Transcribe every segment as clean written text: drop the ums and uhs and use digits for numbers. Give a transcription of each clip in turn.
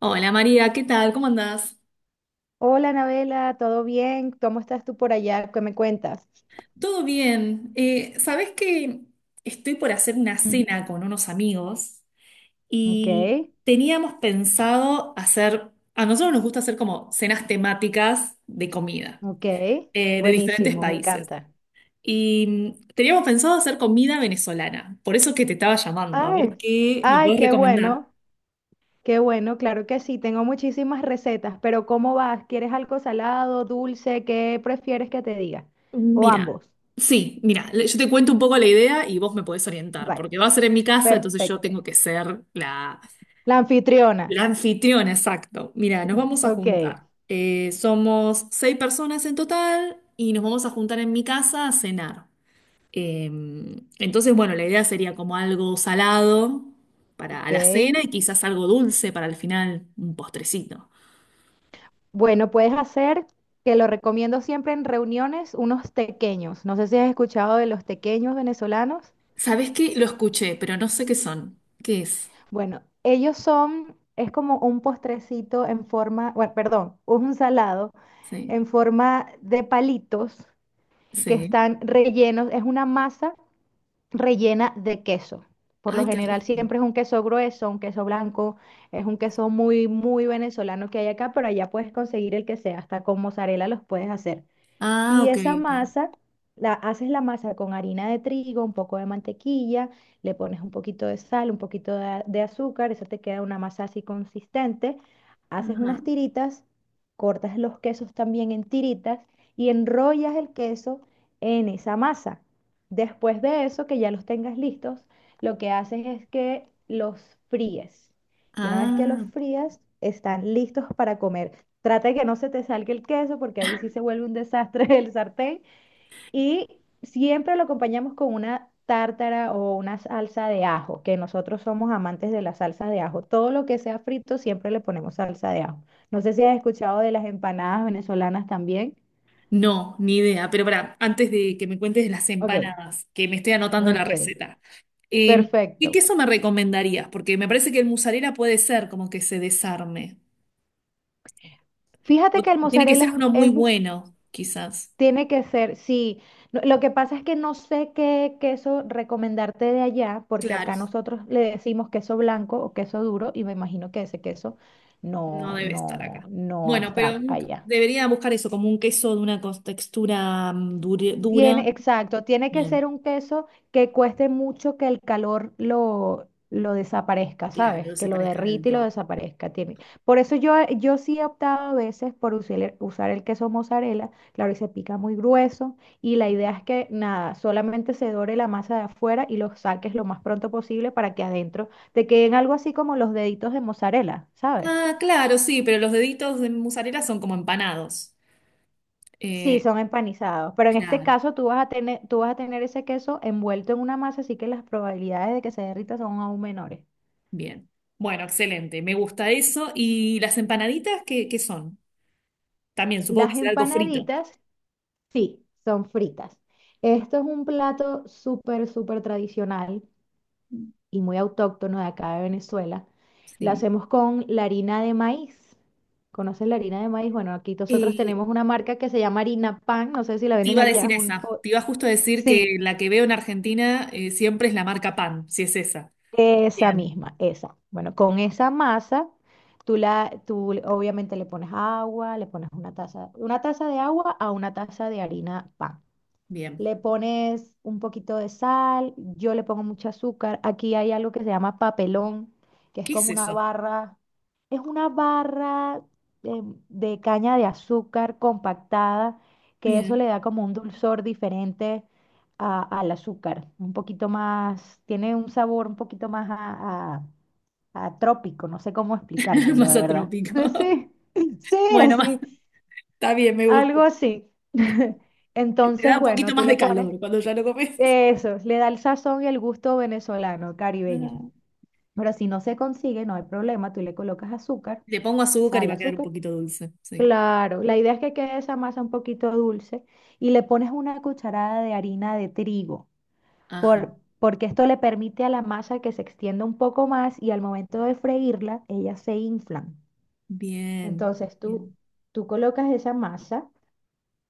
Hola María, ¿qué tal? ¿Cómo andás? Hola, Anabela, ¿todo bien? ¿Cómo estás tú por allá? ¿Qué me cuentas? Todo bien. ¿Sabés que estoy por hacer una Ujú. cena con unos amigos Ok, y teníamos pensado hacer, a nosotros nos gusta hacer como cenas temáticas de comida ok, de diferentes buenísimo, me países. encanta. Y teníamos pensado hacer comida venezolana, por eso es que te estaba llamando, a ver Ay, qué me ay, puedes qué recomendar. bueno, claro que sí, tengo muchísimas recetas, pero ¿cómo vas? ¿Quieres algo salado, dulce? ¿Qué prefieres que te diga? O Mira, ambos. sí, mira, yo te cuento un poco la idea y vos me podés orientar, Vale, porque va a ser en mi casa, entonces yo perfecto. tengo que ser la, La anfitriona. La anfitriona, exacto. Mira, nos vamos a Ok, juntar. Somos seis personas en total y nos vamos a juntar en mi casa a cenar. Eh, entonces, bueno, la idea sería como algo salado para a ok. la cena y quizás algo dulce para al final, un postrecito. Bueno, puedes hacer, que lo recomiendo siempre en reuniones, unos tequeños. No sé si has escuchado de los tequeños venezolanos. ¿Sabés qué? Lo escuché, pero no sé qué son. ¿Qué es? Bueno, ellos son, es como un postrecito en forma, bueno, perdón, un salado Sí, en forma de palitos que sí. están rellenos, es una masa rellena de queso. Por lo Ay, qué general rico. siempre es un queso grueso, un queso blanco, es un queso muy, muy venezolano que hay acá, pero allá puedes conseguir el que sea, hasta con mozzarella los puedes hacer. Ah, Y ok, esa ok. masa, haces la masa con harina de trigo, un poco de mantequilla, le pones un poquito de sal, un poquito de, de azúcar, eso te queda una masa así consistente. Haces Ajá. unas tiritas, cortas los quesos también en tiritas y enrollas el queso en esa masa. Después de eso, que ya los tengas listos, lo que haces es que los fríes. Y una vez que los Ah. frías, están listos para comer. Trata de que no se te salga el queso porque ahí sí se vuelve un desastre el sartén. Y siempre lo acompañamos con una tártara o una salsa de ajo, que nosotros somos amantes de la salsa de ajo. Todo lo que sea frito siempre le ponemos salsa de ajo. No sé si has escuchado de las empanadas venezolanas también. No, ni idea. Pero para, antes de que me cuentes de las Ok, empanadas, que me estoy anotando la ok, receta, eh, ¿qué perfecto. queso me recomendarías? Porque me parece que el mozzarella puede ser como que se desarme. O- Fíjate que el o tiene que mozzarella ser es, uno muy es bu- bueno, quizás. Tiene que ser, sí. No, lo que pasa es que no sé qué queso recomendarte de allá, porque Claro, acá nosotros le decimos queso blanco o queso duro, y me imagino que ese queso no debe estar acá. no Bueno, está pero allá. debería buscar eso, como un queso de una textura dura. Tiene, exacto, tiene que Bien. ser un queso que cueste mucho que el calor lo desaparezca, Claro, no ¿sabes? se Que lo parezca del derrite y lo todo. desaparezca. Tiene. Por eso yo sí he optado a veces por usar usar el queso mozzarella, claro, y se pica muy grueso, y la idea es que nada, solamente se dore la masa de afuera y lo saques lo más pronto posible para que adentro te queden algo así como los deditos de mozzarella, ¿sabes? Ah, claro, sí, pero los deditos de mozzarella son como empanados. Sí, Eh, son empanizados, pero en este claro. caso tú vas a tener ese queso envuelto en una masa, así que las probabilidades de que se derrita son aún menores. Bien. Bueno, excelente. Me gusta eso. ¿Y las empanaditas qué, qué son? También supongo que Las será algo frito. empanaditas, sí, son fritas. Esto es un plato súper, súper tradicional y muy autóctono de acá de Venezuela. Lo Sí. hacemos con la harina de maíz. ¿Conoces la harina de maíz? Bueno, aquí nosotros Eh, tenemos una marca que se llama Harina Pan, no sé si la Te venden iba a allá. decir esa. Te iba justo a decir Sí. que la que veo en Argentina siempre es la marca Pan, si es esa. Esa Bien, misma, esa. Bueno, con esa masa, tú obviamente le pones agua, le pones una taza de agua a una taza de harina pan. bien. Le pones un poquito de sal, yo le pongo mucho azúcar. Aquí hay algo que se llama papelón, que es ¿Qué es como una eso? barra, es una barra eh, de caña de azúcar compactada, que eso Bien. le da como un dulzor diferente al azúcar, un poquito más, tiene un sabor un poquito más a trópico, no sé cómo explicártelo de Masa verdad. trópico. Sí, sí, Bueno, así, está bien, me gusta. algo así. Te da Entonces, un poquito bueno, tú más de le pones calor cuando ya lo comes. eso, le da el sazón y el gusto venezolano, caribeño. Ah. Pero si no se consigue, no hay problema, tú le colocas azúcar, Le pongo azúcar y sal, va a quedar un azúcar. poquito dulce. Sí. Claro, la idea es que quede esa masa un poquito dulce y le pones una cucharada de harina de trigo, Ajá. Porque esto le permite a la masa que se extienda un poco más y al momento de freírla, ellas se inflan. Bien. Entonces tú, Bien. Tú colocas esa masa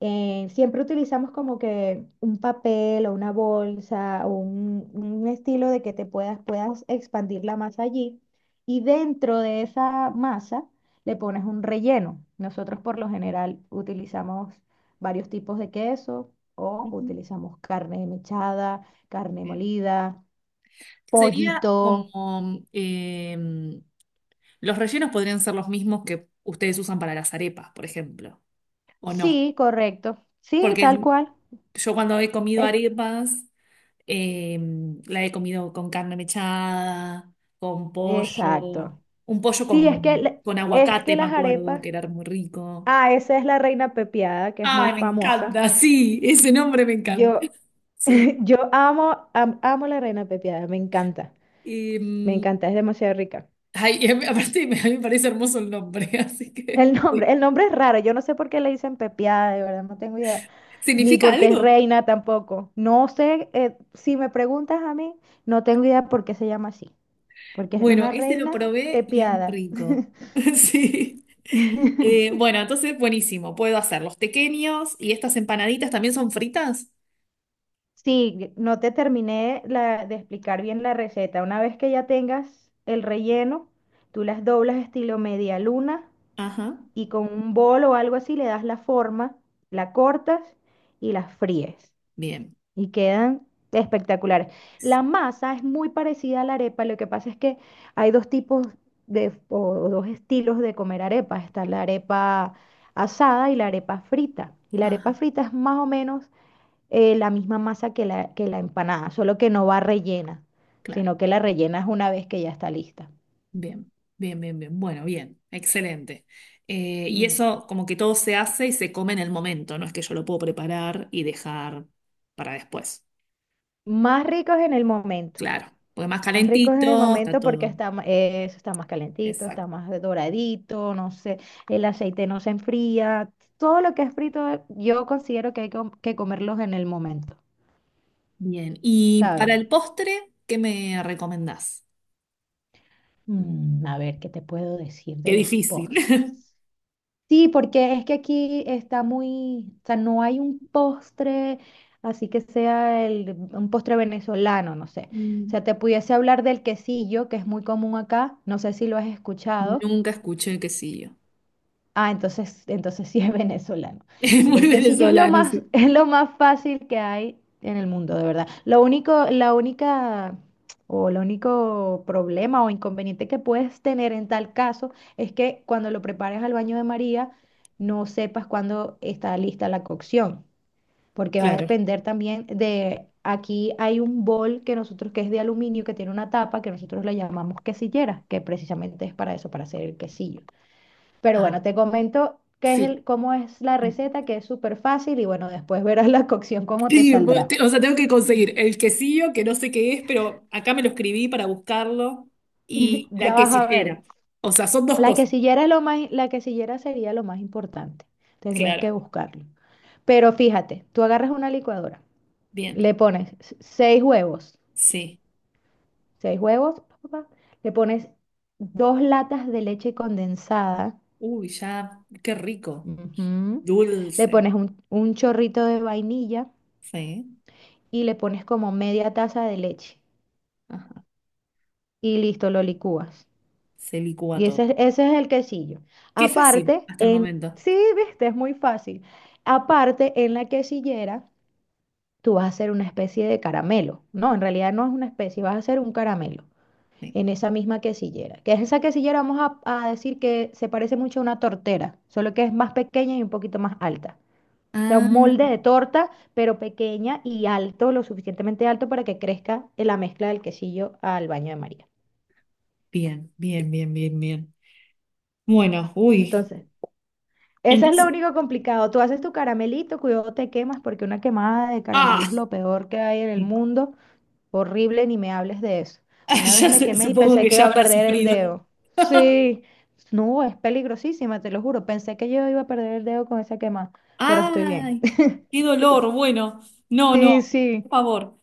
siempre utilizamos como que un papel o una bolsa o un estilo de que te puedas expandir la masa allí y dentro de esa masa le pones un relleno. Nosotros por lo general utilizamos varios tipos de queso o Ujú. utilizamos carne mechada, carne Bien. molida, Sería pollito. como em, los rellenos podrían ser los mismos que ustedes usan para las arepas, por ejemplo, o no. Sí, correcto. Sí, tal Porque cual. yo cuando he comido Es- arepas, la he comido con carne mechada, con pollo, exacto. un pollo Sí, es que, con es que aguacate, me las acuerdo, arepas. que era muy rico. Ah, esa es la reina pepiada, que es muy Ay, me famosa. encanta, sí, ese nombre me encanta. Yo, Sí. yo amo, amo la reina pepiada, me Em, encanta, es demasiado rica. ay, y aparte me, a mí me parece hermoso el nombre, así que sí. El nombre es raro, yo no sé por qué le dicen pepiada, de verdad, no tengo idea. Ni ¿Significa por qué es algo? reina tampoco. No sé, si me preguntas a mí, no tengo idea por qué se llama así, porque es Bueno, una este lo reina probé y es muy pepiada. rico. Sí. Bueno, entonces buenísimo. Puedo hacer los tequeños y estas empanaditas también son fritas. Sí, no te terminé de explicar bien la receta. Una vez que ya tengas el relleno, tú las doblas estilo media luna Ajá. y con un bol o algo así le das la forma, la cortas y las fríes. Bien. Y quedan espectaculares. La Sí. masa es muy parecida a la arepa, lo que pasa es que hay dos tipos de, o dos estilos de comer arepa. Está la arepa asada y la arepa frita. Y la arepa Ajá. frita es más o menos la misma masa que que la empanada, solo que no va rellena, Claro. sino que la rellenas una vez que ya está lista. Bien. Bien, bien, bien. Bueno, bien. Excelente. Y Mm. eso como que todo se hace y se come en el momento. No es que yo lo puedo preparar y dejar para después. Más ricos en el momento, Claro. Porque más más ricos en el calentito está momento porque todo. está, eso está más calentito, está Exacto. más doradito, no sé, el aceite no se enfría, todo lo que es frito yo considero que hay que comerlos en el momento, Bien. Y para ¿sabes? el postre, ¿qué me recomendás? Mm, a ver, ¿qué te puedo decir Qué de los difícil. postres? Sí, porque es que aquí está muy, o sea, no hay un postre, así que sea un postre venezolano, no sé. O Mm. sea, te pudiese hablar del quesillo, que es muy común acá, no sé si lo has escuchado. Nunca escuché quesillo. Ah, entonces sí es venezolano. Es Mira, muy el quesillo es lo venezolano, más, sí. es lo más fácil que hay en el mundo, de verdad. Lo único, la única o el único problema o inconveniente que puedes tener en tal caso es que cuando lo prepares al baño de María no sepas cuándo está lista la cocción, porque va a Claro. depender también de, aquí hay un bol que nosotros que es de aluminio que tiene una tapa que nosotros le llamamos quesillera, que precisamente es para eso, para hacer el quesillo. Pero Ah, bueno, te comento qué es sí. Cómo es la receta, que es súper fácil y bueno, después verás la cocción cómo te Sí, saldrá. O sea, tengo que conseguir el quesillo, que no sé qué es, pero acá me lo escribí para buscarlo, y la Ya vas a ver. quesillera. O sea, son dos La cosas. quesillera, es lo más, la quesillera sería lo más importante. Tendrías que Claro. buscarlo. Pero fíjate, tú agarras una licuadora, Bien. le pones Sí. seis huevos, pa, pa, pa, le pones dos latas de leche condensada, Uy, ya, qué rico. ujú, le Dulce. pones un chorrito de vainilla Sí. y le pones como media taza de leche Ajá. y listo, lo licúas. Se licúa Y todo. Ese es el quesillo. Qué fácil Aparte, hasta el en, momento. sí, viste, es muy fácil. Aparte, en la quesillera, tú vas a hacer una especie de caramelo. No, en realidad no es una especie, vas a hacer un caramelo Sí. en esa misma quesillera. Que es esa quesillera, vamos a decir que se parece mucho a una tortera, solo que es más pequeña y un poquito más alta. O sea, Ah, un molde de torta, pero pequeña y alto, lo suficientemente alto para que crezca en la mezcla del quesillo al baño de María. bien, bien, bien, bien, bien. Bueno, uy. Entonces, eso es lo Entonces, único complicado. Tú haces tu caramelito, cuidado te quemas, porque una quemada de caramelo ah, es lo peor que hay en el mundo. Horrible, ni me hables de eso. Una vez me quemé y supongo pensé que que iba ya a habrá perder el sufrido. dedo. Sí, no, es peligrosísima, te lo juro. Pensé que yo iba a perder el dedo con esa quemada, pero estoy bien. Ay, qué dolor. Bueno, no, no, Sí, por sí. favor,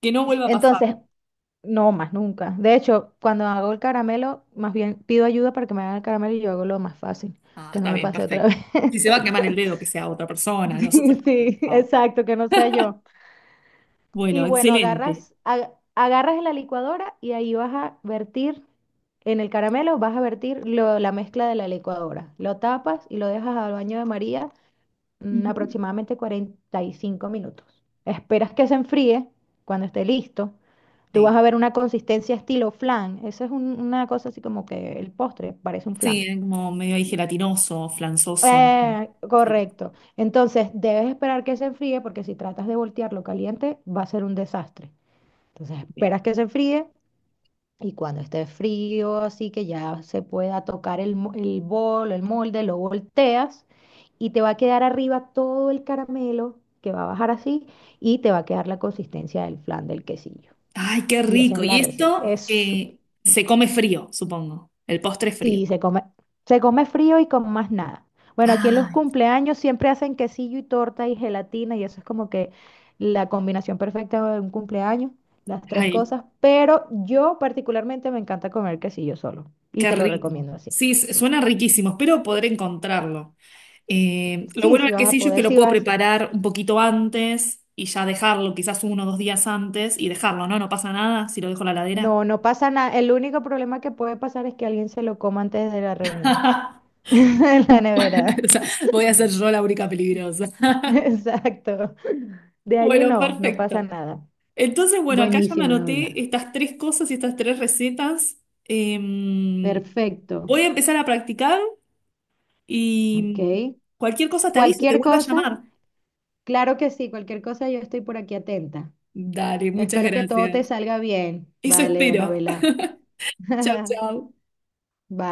que no vuelva a pasar. Entonces, no más nunca. De hecho, cuando hago el caramelo, más bien pido ayuda para que me hagan el caramelo y yo hago lo más fácil, Ah, que no está me bien, pase otra perfecto. vez. Si se va a quemar el dedo, que sea otra persona, Sí, nosotros, por sí, favor. exacto, que no sea yo. Y Bueno, bueno, excelente. Agarras en la licuadora y ahí vas a vertir, en el caramelo vas a vertir la mezcla de la licuadora. Lo tapas y lo dejas al baño de María Ujú. aproximadamente 45 minutos. Esperas que se enfríe cuando esté listo. Tú vas Sí, a ver una consistencia estilo flan. Eso es una cosa así como que el postre parece un sí, flan. es como medio ahí gelatinoso, flanzoso. Sí, Correcto. Entonces, debes esperar que se enfríe porque si tratas de voltearlo caliente, va a ser un desastre. Entonces bien. esperas que se fríe y cuando esté frío, así que ya se pueda tocar el bol, el molde, lo volteas y te va a quedar arriba todo el caramelo que va a bajar así y te va a quedar la consistencia del flan del quesillo. Ay, qué Y esa es rico. la Y receta. esto Es súper. Se come frío, supongo. El postre es frío. Sí, se come frío y con más nada. Bueno, aquí en los Ay, cumpleaños siempre hacen quesillo y torta y gelatina y eso es como que la combinación perfecta de un cumpleaños, las tres ay, cosas, pero yo particularmente me encanta comer quesillo solo y qué te lo rico. recomiendo así. Sí, suena riquísimo. Espero poder encontrarlo. Lo Sí, bueno sí del vas a quesillo es que poder, lo sí puedo vas a hacer. preparar un poquito antes y ya dejarlo, quizás 1 o 2 días antes y dejarlo, ¿no? No pasa nada si lo dejo en la ladera. No, no pasa nada. El único problema que puede pasar es que alguien se lo coma antes de la reunión, en la nevera. O sea, voy a ser yo la única peligrosa. Exacto. De allí Bueno, no, no pasa perfecto. nada. Entonces, bueno, acá ya me Buenísimo, anoté novela. estas tres cosas y estas tres recetas. Eh, Perfecto. Voy a empezar a practicar Ok. y cualquier cosa te aviso, te Cualquier vuelvo a cosa, llamar. claro que sí, cualquier cosa yo estoy por aquí atenta. Dale, muchas Espero que todo gracias. te salga bien. Eso Vale, espero. Anabela. Chao, chao. Bye.